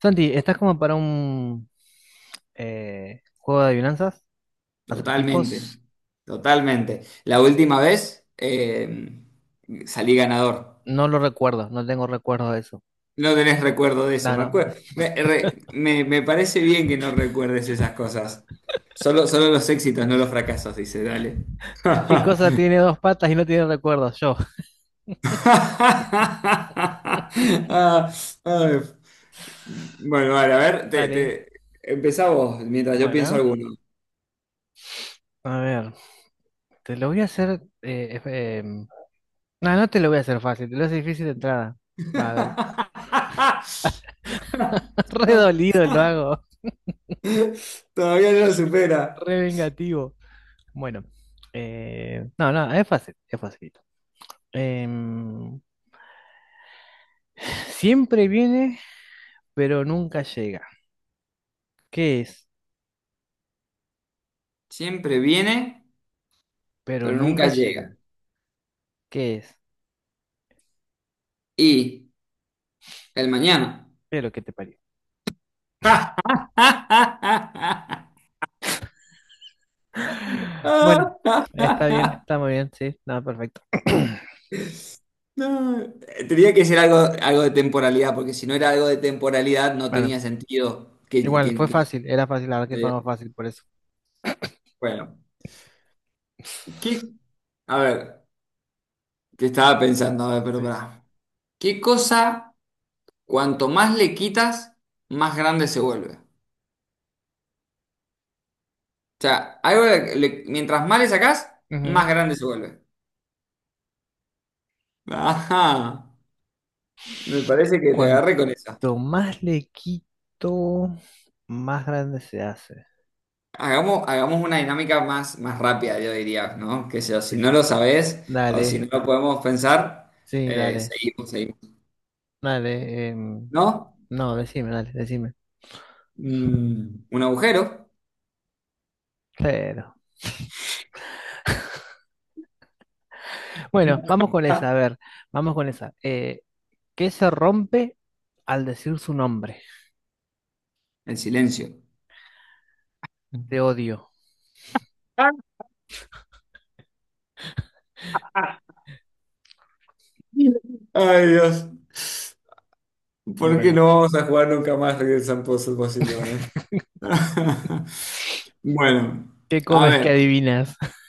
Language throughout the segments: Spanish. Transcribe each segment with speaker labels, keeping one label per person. Speaker 1: Santi, ¿estás como para un juego de adivinanzas?
Speaker 2: Totalmente,
Speaker 1: ¿Acertijos?
Speaker 2: totalmente. La última vez salí ganador.
Speaker 1: No lo recuerdo, no tengo recuerdo de eso.
Speaker 2: No tenés recuerdo de eso,
Speaker 1: No,
Speaker 2: me
Speaker 1: no.
Speaker 2: acuerdo. Me parece bien que no recuerdes esas cosas. Solo los éxitos, no los fracasos, dice, dale.
Speaker 1: ¿Qué cosa tiene dos patas y no tiene recuerdos? Yo.
Speaker 2: Ah, ay. Bueno, vale, a ver,
Speaker 1: Dale.
Speaker 2: empezá vos mientras yo pienso
Speaker 1: Bueno,
Speaker 2: alguno.
Speaker 1: a ver, te lo voy a hacer. No, no te lo voy a hacer fácil, te lo hace difícil de entrada. Va a ver, re dolido lo hago,
Speaker 2: Todavía no lo supera.
Speaker 1: re vengativo. Bueno, no, no, es fácil, es facilito. Em, Siempre viene, pero nunca llega. ¿Qué es?
Speaker 2: Siempre viene,
Speaker 1: Pero
Speaker 2: pero nunca
Speaker 1: nunca
Speaker 2: llega.
Speaker 1: llega. ¿Qué es?
Speaker 2: Y el mañana.
Speaker 1: Pero que te parió. Bueno, está bien, está muy bien, sí, nada, perfecto.
Speaker 2: No, tenía que ser algo, algo de temporalidad, porque si no era algo de temporalidad no
Speaker 1: Bueno,
Speaker 2: tenía sentido
Speaker 1: igual, fue fácil, era fácil, la verdad que
Speaker 2: que-
Speaker 1: fue fácil por eso.
Speaker 2: Bueno, ¿qué? A ver, que estaba pensando, a ver, pero
Speaker 1: Sí.
Speaker 2: pará. ¿Qué cosa, cuanto más le quitas, más grande se vuelve? O sea, mientras más le sacás,
Speaker 1: Ujú.
Speaker 2: más grande se vuelve. Ajá. Me parece que te agarré con eso.
Speaker 1: Cuanto más le quito, más grande se hace.
Speaker 2: Hagamos una dinámica más rápida, yo diría, ¿no? Que si no
Speaker 1: Es-
Speaker 2: lo sabés o si
Speaker 1: Dale,
Speaker 2: no lo podemos pensar,
Speaker 1: sí, dale,
Speaker 2: seguimos. Si
Speaker 1: dale.
Speaker 2: ¿no?
Speaker 1: No, decime, dale, decime.
Speaker 2: Mm, un agujero,
Speaker 1: Pero. Bueno, vamos con esa, a ver, vamos con esa. ¿Qué se rompe al decir su nombre?
Speaker 2: el silencio.
Speaker 1: Te odio.
Speaker 2: Ah. Ay, Dios. ¿Por qué
Speaker 1: Bueno,
Speaker 2: no vamos a jugar nunca más Regresan Pozos Vacillones? Bueno,
Speaker 1: ¿qué
Speaker 2: a
Speaker 1: comes que
Speaker 2: ver.
Speaker 1: adivinas?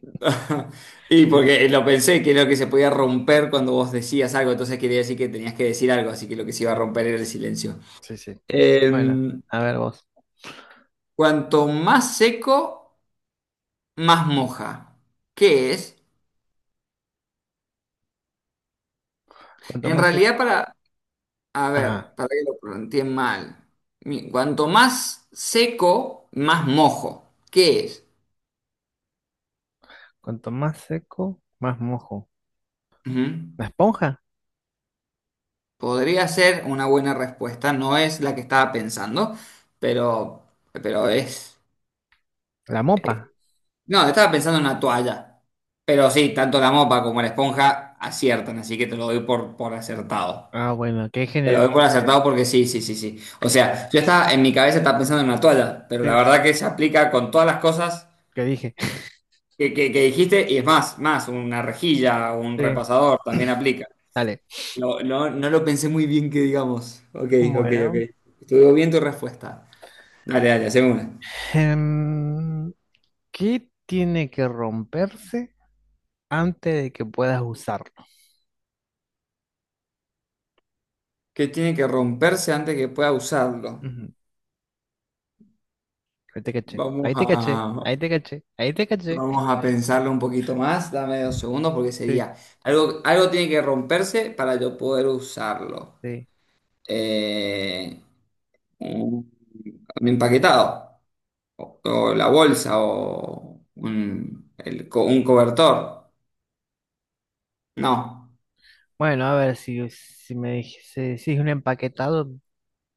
Speaker 2: Y
Speaker 1: Sí,
Speaker 2: porque lo pensé, que era lo que se podía romper cuando vos decías algo, entonces quería decir que tenías que decir algo, así que lo que se iba a
Speaker 1: sí,
Speaker 2: romper era el silencio.
Speaker 1: sí, sí. Bueno,
Speaker 2: Eh,
Speaker 1: a ver vos.
Speaker 2: cuanto más seco, más moja. ¿Qué es?
Speaker 1: Cuanto
Speaker 2: En
Speaker 1: más seco,
Speaker 2: realidad, para, a
Speaker 1: ajá.
Speaker 2: ver, para que lo planteé mal. Cuanto más seco, más mojo. ¿Qué es?
Speaker 1: Cuanto más seco, más mojo.
Speaker 2: Ujú.
Speaker 1: ¿La esponja?
Speaker 2: Podría ser una buena respuesta, no es la que estaba pensando, pero, pero es.
Speaker 1: ¿La mopa?
Speaker 2: No, estaba pensando en una toalla. Pero sí, tanto la mopa como la esponja aciertan, así que te lo doy por acertado.
Speaker 1: Ah, bueno, qué
Speaker 2: Te lo
Speaker 1: género.
Speaker 2: doy por acertado porque sí, sí, sí, sí. O sea, yo estaba en mi cabeza estaba pensando en una toalla, pero la
Speaker 1: Sí,
Speaker 2: verdad que se aplica con todas las cosas
Speaker 1: qué dije.
Speaker 2: que dijiste, y es más, más, una rejilla, un
Speaker 1: Sí,
Speaker 2: repasador también aplica.
Speaker 1: dale.
Speaker 2: No lo pensé muy bien que digamos. Ok, ok, ok.
Speaker 1: Bueno,
Speaker 2: Estuvo bien tu respuesta. Dale, dale, haceme una.
Speaker 1: em, ¿qué tiene que romperse antes de que puedas usarlo?
Speaker 2: Que tiene que romperse antes que pueda usarlo.
Speaker 1: Ujú. Ahí te caché,
Speaker 2: Vamos
Speaker 1: ahí te caché,
Speaker 2: a...
Speaker 1: ahí te caché, ahí te caché.
Speaker 2: Vamos a pensarlo un poquito más, dame dos segundos porque
Speaker 1: Sí,
Speaker 2: sería algo, algo tiene que romperse para yo poder usarlo.
Speaker 1: sí.
Speaker 2: Eh, un, un empaquetado, o la bolsa, o un, un cobertor. No,
Speaker 1: Bueno, a ver, si me dijese, si es un empaquetado,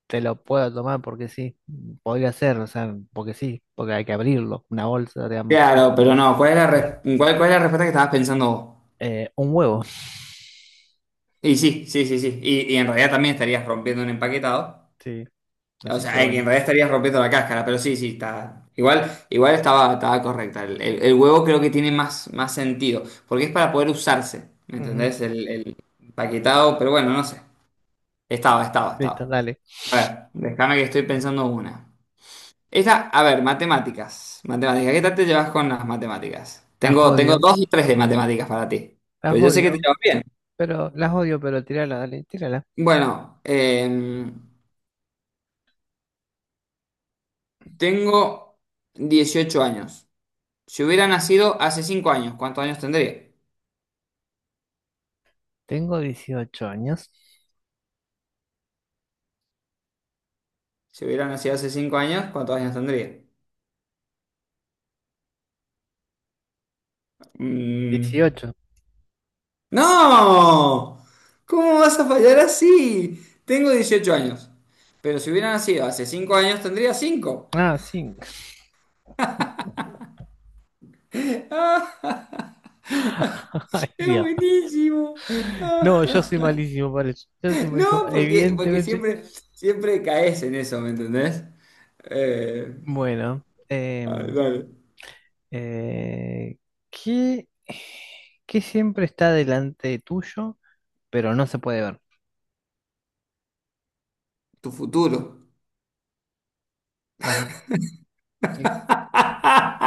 Speaker 1: te lo puedo tomar porque sí, podría ser, o sea, porque sí, porque hay que abrirlo, una bolsa, digamos. Sí.
Speaker 2: claro, pero no, ¿cuál es la, cuál, cuál es la respuesta que estabas pensando vos?
Speaker 1: Un huevo,
Speaker 2: Y sí, sí, sí, sí, y en realidad también estarías rompiendo un empaquetado.
Speaker 1: sí,
Speaker 2: O
Speaker 1: así que
Speaker 2: sea, en
Speaker 1: bueno.
Speaker 2: realidad estarías rompiendo la cáscara, pero sí, sí, está. Igual, igual estaba, estaba correcta. El huevo creo que tiene más, más sentido, porque es para poder usarse, ¿me
Speaker 1: Ujú.
Speaker 2: entendés? El paquetado, pero bueno, no sé. Estaba, estaba,
Speaker 1: Listo,
Speaker 2: estaba.
Speaker 1: dale.
Speaker 2: A ver, déjame que estoy pensando una. Esta, a ver, matemáticas. Matemáticas, ¿qué tal te llevas con las matemáticas?
Speaker 1: Las
Speaker 2: Tengo
Speaker 1: odio,
Speaker 2: dos o tres de matemáticas para ti,
Speaker 1: las
Speaker 2: pero yo sé que te
Speaker 1: odio,
Speaker 2: llevas bien.
Speaker 1: las odio, pero tírala, dale, tírala.
Speaker 2: Bueno, tengo 18 años. Si hubiera nacido hace 5 años, ¿cuántos años tendría?
Speaker 1: Tengo 18 años.
Speaker 2: Si hubiera nacido hace cinco años, ¿cuántos años tendría? Mm.
Speaker 1: Dieciocho.
Speaker 2: ¡No! ¿Cómo vas a fallar así? Tengo 18 años. Pero si hubiera nacido hace cinco años, tendría cinco.
Speaker 1: Ah, sí. Ay,
Speaker 2: Es
Speaker 1: Dios.
Speaker 2: buenísimo.
Speaker 1: No,
Speaker 2: Ah,
Speaker 1: yo soy malísimo para eso. Yo soy malísimo.
Speaker 2: no, porque, porque
Speaker 1: Evidentemente.
Speaker 2: siempre, siempre caes en eso, ¿me entendés? Eh,
Speaker 1: Bueno,
Speaker 2: a ver, dale.
Speaker 1: Eh, ¿qué, qué siempre está delante tuyo, pero no se puede ver?
Speaker 2: Tu futuro.
Speaker 1: Ajá. Sí.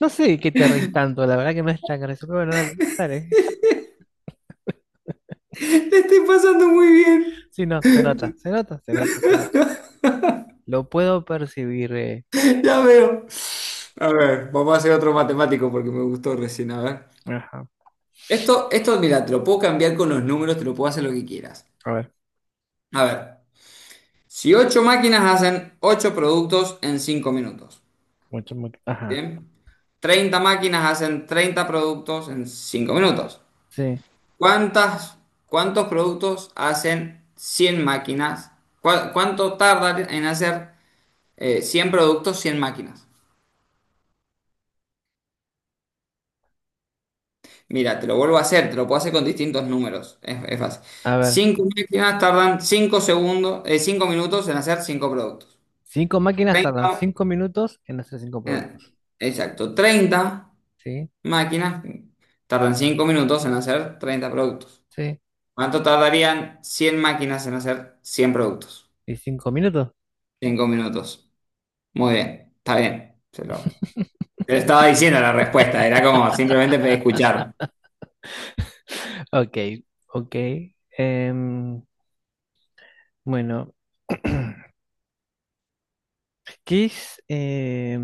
Speaker 1: No sé de qué te reís tanto, la verdad que no es tan gracioso, pero bueno, dale, dale.
Speaker 2: Te estoy pasando muy bien.
Speaker 1: Sí, no, se nota, se nota, se nota, se nota. Lo puedo percibir.
Speaker 2: Ya veo. A ver, vamos a hacer otro matemático porque me gustó recién. A ver.
Speaker 1: Ajá.
Speaker 2: Esto, mira, te lo puedo cambiar con los números, te lo puedo hacer lo que quieras.
Speaker 1: A ver.
Speaker 2: A ver, si ocho máquinas hacen 8 productos en 5 minutos,
Speaker 1: Mucho, mucho. Ajá.
Speaker 2: ¿bien? 30 máquinas hacen 30 productos en 5 minutos.
Speaker 1: Sí.
Speaker 2: ¿Cuántas, cuántos productos hacen 100 máquinas? ¿Cuánto tardan en hacer 100 productos 100 máquinas? Mira, te lo vuelvo a hacer, te lo puedo hacer con distintos números. Es fácil.
Speaker 1: A ver.
Speaker 2: Cinco máquinas tardan cinco segundos, cinco minutos en hacer cinco productos.
Speaker 1: Cinco máquinas tardan
Speaker 2: 30,
Speaker 1: 5 minutos en hacer cinco
Speaker 2: eh,
Speaker 1: productos.
Speaker 2: exacto, 30
Speaker 1: ¿Sí?
Speaker 2: máquinas tardan 5 minutos en hacer 30 productos.
Speaker 1: Sí.
Speaker 2: ¿Cuánto tardarían 100 máquinas en hacer 100 productos?
Speaker 1: ¿Y 5 minutos?
Speaker 2: 5 minutos. Muy bien, está bien. Se lo, te lo estaba diciendo la respuesta, era como simplemente escuchar.
Speaker 1: Ok, ok. Em, bueno. ¿Qué es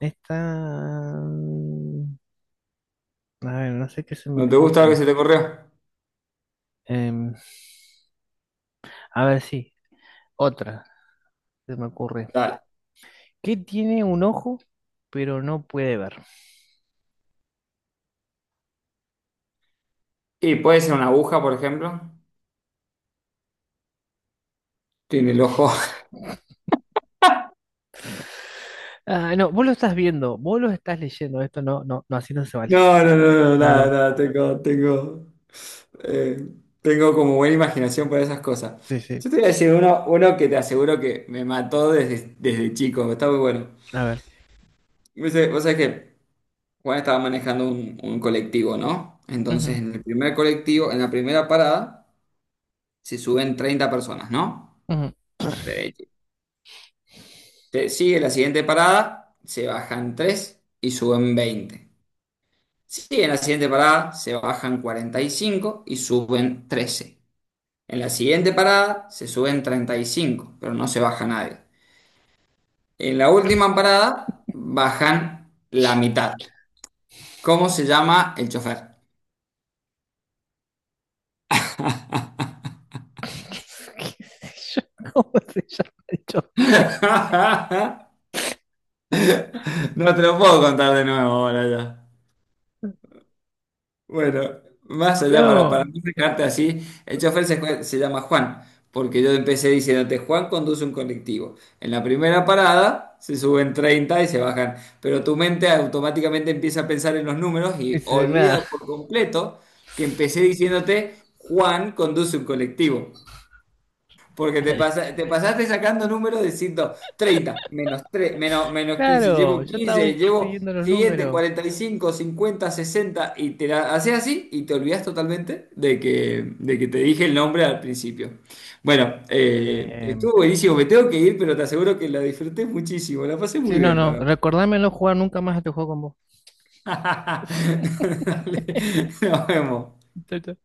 Speaker 1: esta? mm, A ver, no sé qué se me
Speaker 2: ¿No te gusta lo que
Speaker 1: ocurre.
Speaker 2: se te ocurrió?
Speaker 1: Em, a ver, sí, otra se me ocurre.
Speaker 2: Dale.
Speaker 1: ¿Qué tiene un ojo pero no puede ver?
Speaker 2: Y puede ser una aguja, por ejemplo. Tiene el ojo.
Speaker 1: Ah, no, vos lo estás viendo, vos lo estás leyendo. Esto no, no, no, así no se vale.
Speaker 2: No, no, no, no,
Speaker 1: No,
Speaker 2: nada,
Speaker 1: no,
Speaker 2: nada, tengo, tengo, eh, tengo como buena imaginación para esas cosas.
Speaker 1: sí, sí.
Speaker 2: Yo te voy a decir uno, uno que te aseguro que me mató desde, desde chico, está muy bueno.
Speaker 1: A ver.
Speaker 2: Dice, vos sabés que Juan estaba manejando un colectivo, ¿no? Entonces,
Speaker 1: Ujú,
Speaker 2: en el primer colectivo, en la primera parada, se suben 30 personas, ¿no?
Speaker 1: ujú.
Speaker 2: Derecho. Te sigue la siguiente parada, se bajan 3 y suben 20. Sí, en la siguiente parada se bajan 45 y suben 13. En la siguiente parada se suben 35, pero no se baja nadie. En la última parada bajan la mitad. ¿Cómo se llama el chofer?
Speaker 1: ¿Qué sé yo? ¿Cómo se llama esto?
Speaker 2: No te lo puedo contar de nuevo ahora ya. Bueno, más allá, para
Speaker 1: No,
Speaker 2: no dejarte así, el chofer se llama Juan, porque yo empecé diciéndote, Juan conduce un colectivo. En la primera parada se suben 30 y se bajan, pero tu mente automáticamente empieza a pensar en los números y
Speaker 1: dice, claro.
Speaker 2: olvida por completo que empecé diciéndote, Juan conduce un colectivo. Porque te,
Speaker 1: Ay,
Speaker 2: te pasaste sacando números de treinta menos 3 menos, menos
Speaker 1: claro, yo estaba
Speaker 2: 15 llevo
Speaker 1: siguiendo los
Speaker 2: siguiente
Speaker 1: números.
Speaker 2: 45 50 sesenta, y te la haces así y te olvidas totalmente de que te dije el nombre al principio. Bueno,
Speaker 1: Em,
Speaker 2: estuvo buenísimo, me tengo que ir, pero te aseguro que la disfruté muchísimo, la pasé muy
Speaker 1: Sí, no,
Speaker 2: bien, la
Speaker 1: no.
Speaker 2: verdad.
Speaker 1: Recordámelo jugar nunca más este juego con vos.
Speaker 2: Dale, nos vemos.
Speaker 1: Chao, chao.